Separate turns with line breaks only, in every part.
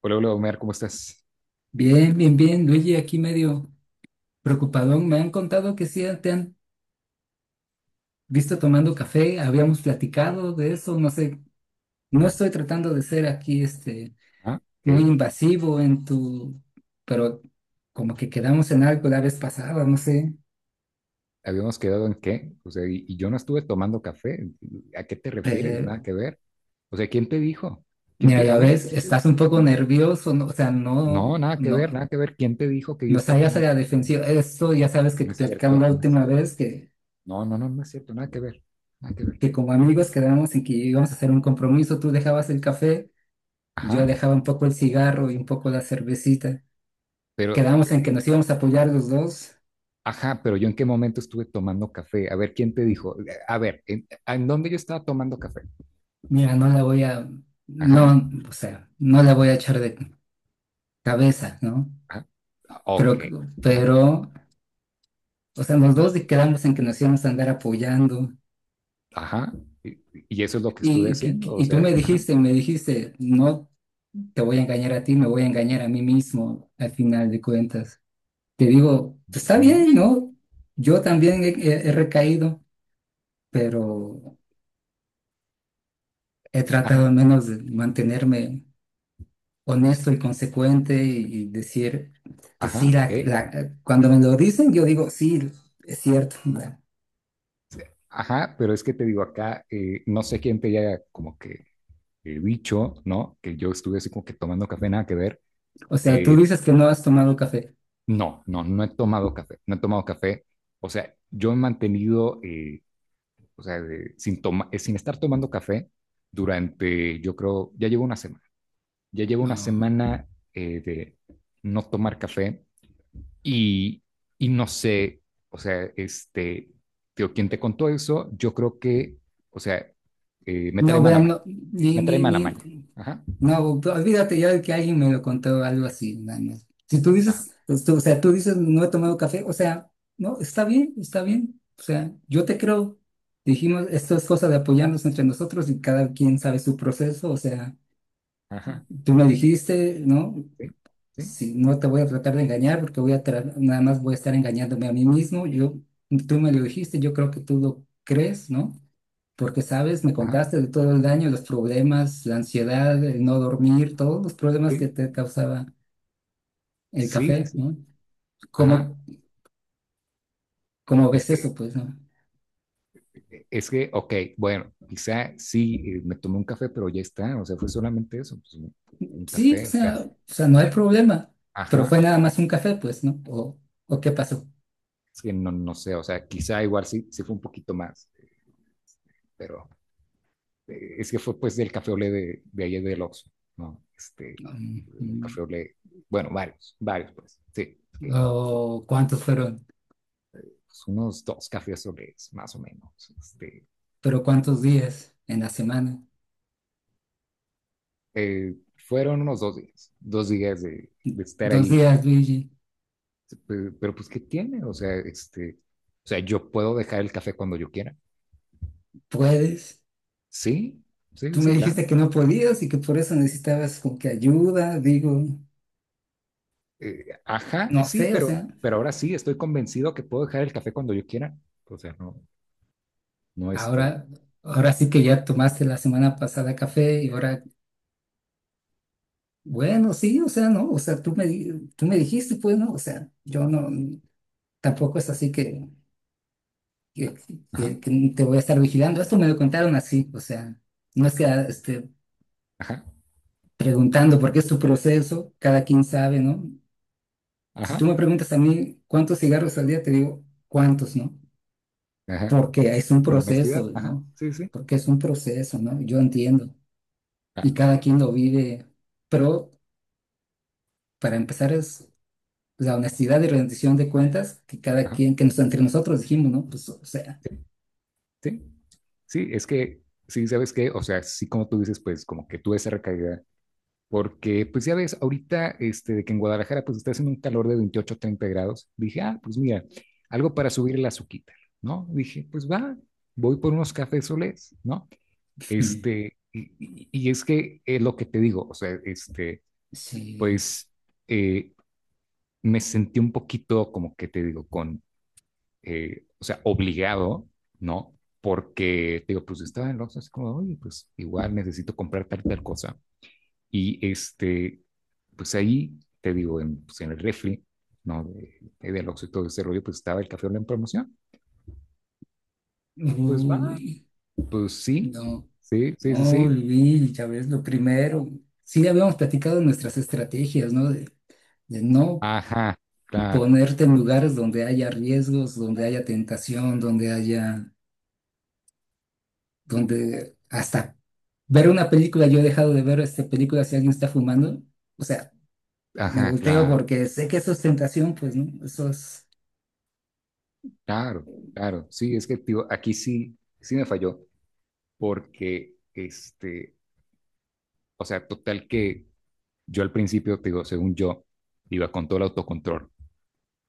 Hola, hola Omar, ¿cómo estás?
Bien, bien, bien, Luigi, aquí medio preocupadón. Me han contado que sí te han visto tomando café, habíamos platicado de eso, no sé, no estoy tratando de ser aquí
Ah, ok.
muy invasivo en tu, pero como que quedamos en algo la vez pasada, no sé.
¿Habíamos quedado en qué? O sea, y yo no estuve tomando café. ¿A qué te refieres?
Te-
Nada que ver. O sea, ¿quién te dijo?
Mira,
A
ya
ver,
ves,
¿quién te
estás un poco
dijo?
nervioso, no, o sea, no,
No, nada que ver,
no,
nada que ver. ¿Quién te dijo que yo
no
estaba
hayas a
tomando
la
café?
defensiva. Esto ya sabes que
No es
platicamos
cierto,
la
no es
última
cierto.
vez que,
No, no, no, no es cierto, nada que ver, nada que ver.
como
No.
amigos quedamos en que íbamos a hacer un compromiso, tú dejabas el café. Yo
Ajá,
dejaba un poco el cigarro y un poco la cervecita.
pero,
Quedamos en que nos íbamos a apoyar los dos.
ajá, pero yo ¿en qué momento estuve tomando café? A ver, ¿quién te dijo? A ver, ¿en dónde yo estaba tomando café?
Mira, no la voy a,
Ajá,
no, o sea, no la voy a echar de cabeza, ¿no?
ajá,
Pero,
ok, ajá. Ajá.
pero, o sea, los dos quedamos en que nos íbamos a andar apoyando.
Ajá. Y, y eso es lo que estuve
Y, y,
haciendo. O
y tú
sea,
me
ajá,
dijiste, no te voy a engañar a ti, me voy a engañar a mí mismo al final de cuentas. Te digo, "Pues está
no, no.
bien, ¿no? Yo también he recaído, pero he tratado
Ajá,
al menos de mantenerme honesto y consecuente y decir, pues sí,
ajá, ok.
cuando me lo dicen, yo digo, sí, es cierto.
Ajá, pero es que te digo acá, no sé quién te haya como que dicho, ¿no? Que yo estuve así como que tomando café, nada que ver.
O sea, tú
Eh,
dices que no has tomado café.
no, no, no he tomado café, no he tomado café. O sea, yo he mantenido, o sea, sin estar tomando café durante, yo creo, ya llevo una
No,
semana de no tomar café. Y, y no sé, o sea, este, tío, ¿quién te contó eso? Yo creo que, o sea, me trae
no,
mala
vean,
maña,
no, ni,
me trae
ni,
mala
ni,
maña. Ajá,
no, olvídate ya de que alguien me lo contó algo así. Nada más. Si tú
ajá,
dices, pues, o sea, tú dices, no he tomado café, o sea, no, está bien, está bien. O sea, yo te creo. Dijimos, esto es cosa de apoyarnos entre nosotros y cada quien sabe su proceso, o sea.
ajá,
Tú me dijiste, ¿no?
sí, sí,
Si no te voy a tratar de engañar porque nada más voy a estar engañándome a mí mismo. Tú me lo dijiste, yo creo que tú lo crees, ¿no? Porque, sabes, me
ajá,
contaste de todo el daño, los problemas, la ansiedad, el no dormir, todos los problemas que
sí,
te causaba el
sí, sí,
café,
sí,
¿no?
ajá.
¿Cómo, cómo
Es
ves
que,
eso, pues, no?
es que, ok, bueno, quizá sí, me tomé un café, pero ya está, o sea, fue solamente eso, pues, un,
Sí, o
café, o sea,
sea, o sea, no hay problema, pero
ajá,
fue nada más un café, pues, ¿no? ¿O qué pasó?
es que no, no sé, o sea, quizá igual sí, sí fue un poquito más, este, pero es que fue pues del café olé de ayer del Oxxo, ¿no? Este,
Mm,
un
mm.
café olé, bueno, varios, varios pues, sí, que,
¿O cuántos fueron?
pues, unos dos cafés olés más o menos. Este,
Pero ¿cuántos días en la semana?
fueron unos dos días de, estar
Dos
ahí,
días, Luigi.
pues ¿qué tiene? O sea, este, o sea, yo puedo dejar el café cuando yo quiera.
¿Puedes?
Sí,
Tú
sí,
me
sí, claro.
dijiste que no podías y que por eso necesitabas como que ayuda, digo,
Ajá,
no
sí,
sé, o
pero,
sea,
pero ahora sí, estoy convencido que puedo dejar el café cuando yo quiera. O sea, no, no este,
ahora, sí que ya tomaste la semana pasada café y ahora, bueno, sí, o sea, no, o sea, tú me dijiste, pues, no, o sea, yo no, tampoco es así que, que,
ajá,
que te voy a estar vigilando. Esto me lo contaron así, o sea, no es que,
ajá,
preguntando porque es tu proceso, cada quien sabe, ¿no? Si tú
ajá.
me preguntas a mí cuántos cigarros al día, te digo cuántos, ¿no?
Ajá.
Porque es un
Sí, con honestidad,
proceso,
ajá,
¿no?
sí, sí.
Porque es un proceso, ¿no? Yo entiendo.
Ah,
Y cada quien lo vive. Pero para empezar es la honestidad y rendición de cuentas que cada
ajá,
quien, que nos, entre nosotros dijimos, ¿no? Pues, o sea,
sí, sí. Sí, es que, sí, ¿sabes qué? O sea, sí, como tú dices, pues como que tuve esa recaída, porque pues ya ves, ahorita, este, de que en Guadalajara pues está haciendo un calor de 28 30 grados, dije, ah, pues mira, algo para subir el azuquita, ¿no? Dije, pues va, voy por unos cafés solés, ¿no?
Mm.
Este, y es que es lo que te digo, o sea, este,
sí.
pues eh, me sentí un poquito como que te digo, con o sea, obligado, ¿no? Porque, te digo, pues estaba en el Oxxo así como, oye, pues igual necesito comprar tal y tal cosa. Y este, pues ahí, te digo, en el refri, ¿no? Del Oxxo y todo ese rollo, pues estaba el café Olé en promoción. Y pues va,
Uy,
pues sí,
no,
sí, sí, sí,
no,
sí.
Luis, ya ves, lo primero. Sí, habíamos platicado nuestras estrategias, ¿no? De no
Ajá, claro,
ponerte en lugares donde haya riesgos, donde haya tentación, donde hasta ver una película, yo he dejado de ver esta película si alguien está fumando, o sea, me
ajá,
volteo
claro,
porque sé que eso es tentación, pues, ¿no? Eso es...
claro, claro. Sí, es que, tío, aquí sí, sí, me falló, porque, este, o sea, total que yo al principio, te digo, según yo, iba con todo el autocontrol,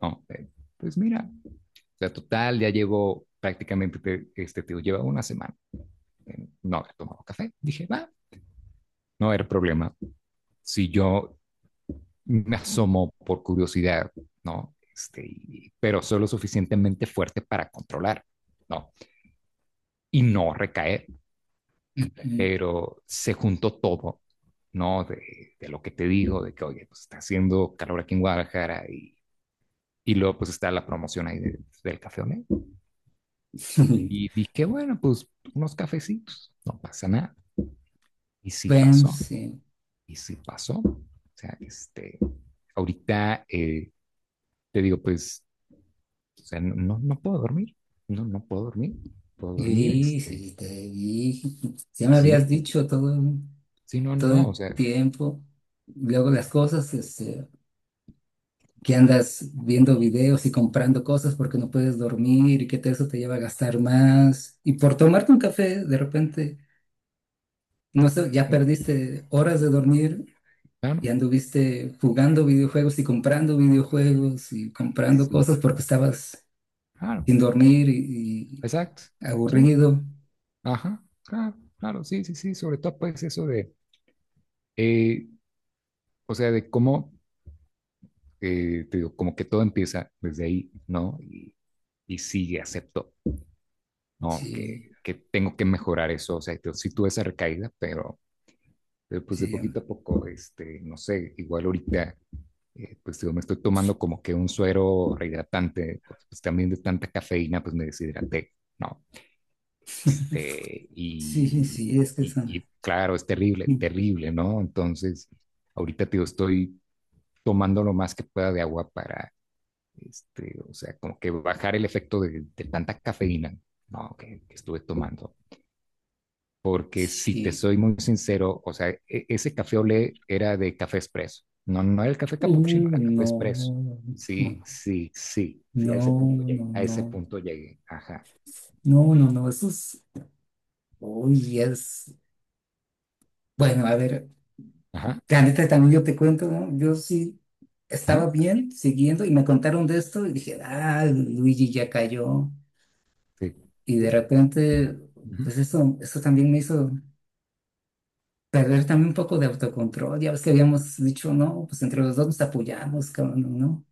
¿no? Pues mira, o sea, total, ya llevo prácticamente, este, te digo, lleva una semana, no había tomado café. Dije, va, no era problema. Si yo me asomo por curiosidad, ¿no? Este, pero solo suficientemente fuerte para controlar, ¿no? Y no recaer, pero se juntó todo, ¿no? De lo que te digo, de que, oye, pues está haciendo calor aquí en Guadalajara. Y luego pues está la promoción ahí del café Olé. Y dije, bueno, pues unos cafecitos, no pasa nada. Y sí
Bueno,
pasó,
sí.
y sí pasó. O sea, este, ahorita te digo, pues, o sea, no, no no puedo dormir, no, no puedo dormir, puedo dormir,
Y
este,
sí, te dije, ya me habías
sí,
dicho todo,
sí, no,
todo
no, o
el
sea,
tiempo. Luego las cosas, que andas viendo videos y comprando cosas porque no puedes dormir y que eso te lleva a gastar más. Y por tomarte un café, de repente, no sé, ya
¿eh?
perdiste horas de dormir
Claro,
y anduviste jugando videojuegos y comprando
sí,
cosas porque estabas
claro,
sin dormir
exacto,
y
sí,
aburrido.
ajá, claro, claro, sí, sí, sí, sobre todo pues eso de, eh, o sea, de cómo te digo, como que todo empieza desde ahí, ¿no? Y sí, acepto, ¿no?
Sí,
Que tengo que mejorar eso, o sea, yo sí tuve esa recaída, pero, pues de
sí,
poquito a poco, este, no sé, igual ahorita, pues digo, me estoy tomando como que un suero rehidratante, porque pues también de tanta cafeína, pues me deshidraté, ¿no? Este,
sí,
y,
sí, es que
y,
son...
y claro, es terrible, terrible, ¿no? Entonces, ahorita, te digo, estoy tomando lo más que pueda de agua. Para Este, o sea, como que bajar el efecto de, tanta cafeína, no, que, estuve tomando. Porque si te
Sí.
soy muy sincero, o sea, ese café olé era de café expreso. No, no era el café capuchino, era café expreso.
No, no,
Sí, sí, sí, sí, a
no,
ese punto
no,
llegué.
no,
A ese
no,
punto llegué. Ajá,
no, no, no, eso es... Uy, es, bueno, a ver,
ajá,
la también yo te cuento, ¿no? Yo sí
ajá,
estaba bien siguiendo y me contaron de esto y dije, ah, Luigi ya cayó.
sí,
Y
sí,
de repente,
ujú,
pues eso también me hizo perder también un poco de autocontrol. Ya ves que habíamos dicho, no, pues entre los dos nos apoyamos, cabrón, ¿no?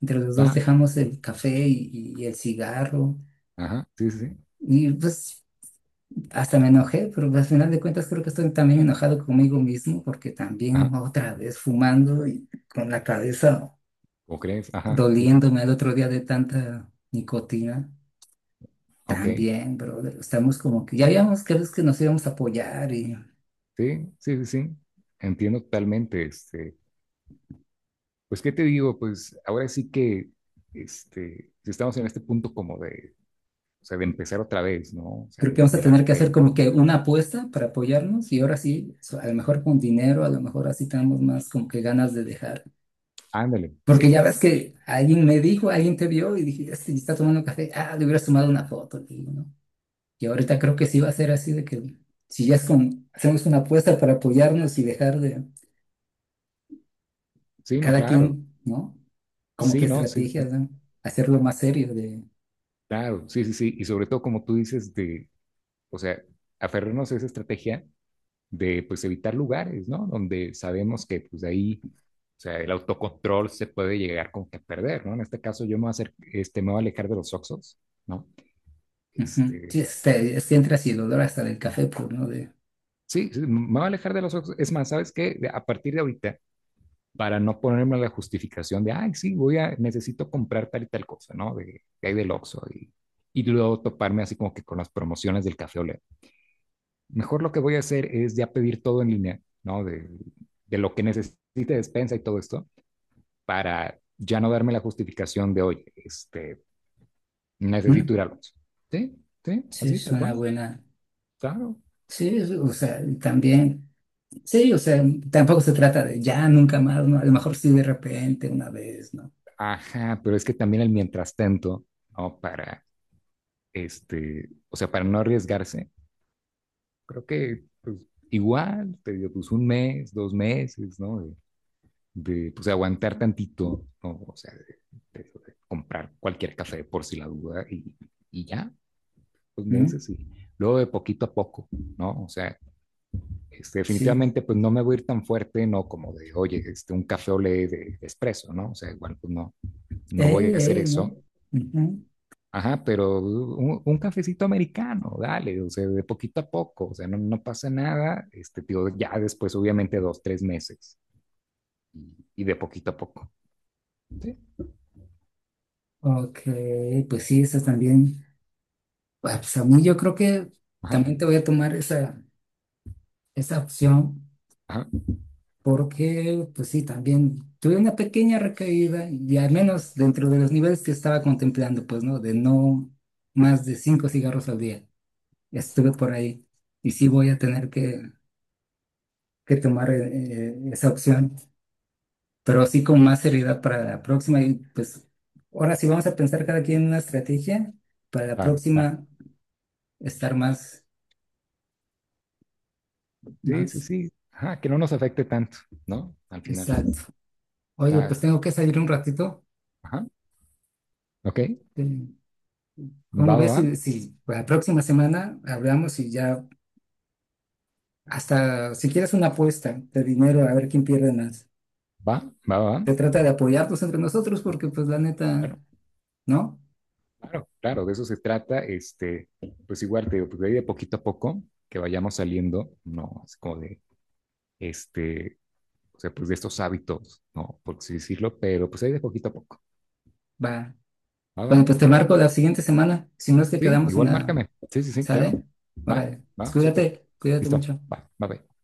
Entre los dos
ya,
dejamos el café y el cigarro.
ajá, sí, sí, sí,
Y pues hasta me enojé, pero al final de cuentas creo que estoy también enojado conmigo mismo porque
ajá,
también otra vez fumando y con la cabeza
¿o crees? Ajá, sí, sí,
doliéndome el otro día de tanta nicotina.
ok, sí,
También, brother, estamos como que ya habíamos creído que nos íbamos a apoyar y
sí, sí, sí, entiendo totalmente, este. Pues, ¿qué te digo? Pues ahora sí que este, si estamos en este punto como de, o sea, de empezar otra vez, ¿no? O sea,
creo que
de,
vamos a
de la
tener que hacer
caída.
como que una apuesta para apoyarnos y ahora sí, a lo mejor con dinero, a lo mejor así tenemos más como que ganas de dejar.
Ándale,
Porque
sí, sí,
ya ves
sí,
que alguien me dijo, alguien te vio y dije, este está tomando café, ah, le hubieras tomado una foto, le digo, ¿no? Y ahorita creo que sí va a ser así de que si ya es con, hacemos una apuesta para apoyarnos y dejar de
sí, no,
cada
claro,
quien, ¿no? Como que
sí, no, sí, sí,
estrategias, ¿no? Hacerlo más serio de...
claro, sí, sí, sí, y sobre todo como tú dices de, o sea, aferrarnos a esa estrategia de, pues, evitar lugares, ¿no? Donde sabemos que, pues, de ahí, o sea, el autocontrol se puede llegar como que a perder, ¿no? En este caso yo me voy a hacer, este, me voy a alejar de los oxos, ¿no?
Ujú. Sí,
Este,
este entras y el olor hasta del café, pues, ¿no? De,
sí, sí, me voy a alejar de los ojos. Es más, ¿sabes qué? A partir de ahorita, para no ponerme la justificación de, ay, sí, necesito comprar tal y tal cosa, ¿no? De, que hay del Oxxo y, luego toparme así como que con las promociones del Café Olé. Mejor lo que voy a hacer es ya pedir todo en línea, ¿no? De lo que necesite despensa y todo esto, para ya no darme la justificación de, oye, este, necesito
¿mm?
ir al Oxxo. Sí, sí,
Sí,
así,
es
tal
una
cual,
buena...
claro.
Sí, o sea, y también... Sí, o sea, tampoco se trata de ya, nunca más, ¿no? A lo mejor sí de repente, una vez, ¿no?
Ajá, pero es que también el mientras tanto, ¿no? Para este, o sea, para no arriesgarse, creo que pues, igual, te digo, pues un mes, dos meses, ¿no? Pues aguantar tantito, ¿no? O sea, de comprar cualquier café por si la duda y ya, dos
¿Mm?
meses y luego de poquito a poco, ¿no? O sea, este,
Sí.
definitivamente pues no me voy a ir tan fuerte, no como de, oye, este, un café ole de, espresso, ¿no? O sea, igual pues no, no voy a
Ey,
hacer
ey, ¿no?
eso.
Ujú.
Ajá, pero un cafecito americano, dale, o sea, de poquito a poco, o sea, no, no pasa nada, este, tío, ya después, obviamente, dos, tres meses, y de poquito a poco, ¿sí?
Ok, pues sí, eso también. Pues a mí yo creo que
Ajá,
también te voy a tomar esa opción
ajá,
porque, pues sí, también tuve una pequeña recaída y al menos dentro de los niveles que estaba contemplando, pues no, de no más de cinco cigarros al día. Estuve por ahí y sí voy a tener que, tomar esa opción, pero así con más seriedad para la próxima y pues ahora sí vamos a pensar cada quien una estrategia para la
claro, claro,
próxima estar más,
sí, sí,
más
sí, ajá, que no nos afecte tanto, ¿no? Al final,
exacto. Oye,
claro,
pues tengo que salir un ratito.
ajá, ok,
Eh, ¿Cómo
va,
ves
va,
si, la próxima semana hablamos y ya hasta si quieres una apuesta de dinero a ver quién pierde más?
va, va, va, va, va,
Se trata de apoyarnos entre nosotros porque pues la neta,
claro,
¿no?
claro, claro, de eso se trata, este, pues igual, te digo, pues de ahí de poquito a poco, que vayamos saliendo, no, es como de, este, o sea, pues de estos hábitos, ¿no? Por así decirlo, pero pues ahí de poquito a poco.
Va.
¿Va,
Bueno,
va?
pues te
Ok.
marco la siguiente semana. Si no es que
Sí,
quedamos en
igual
la...
márcame. Sí, sí, sí, claro.
¿Sale?
Va,
Órale. Pues
va, súper.
cuídate, cuídate
Listo.
mucho.
Va, va, va.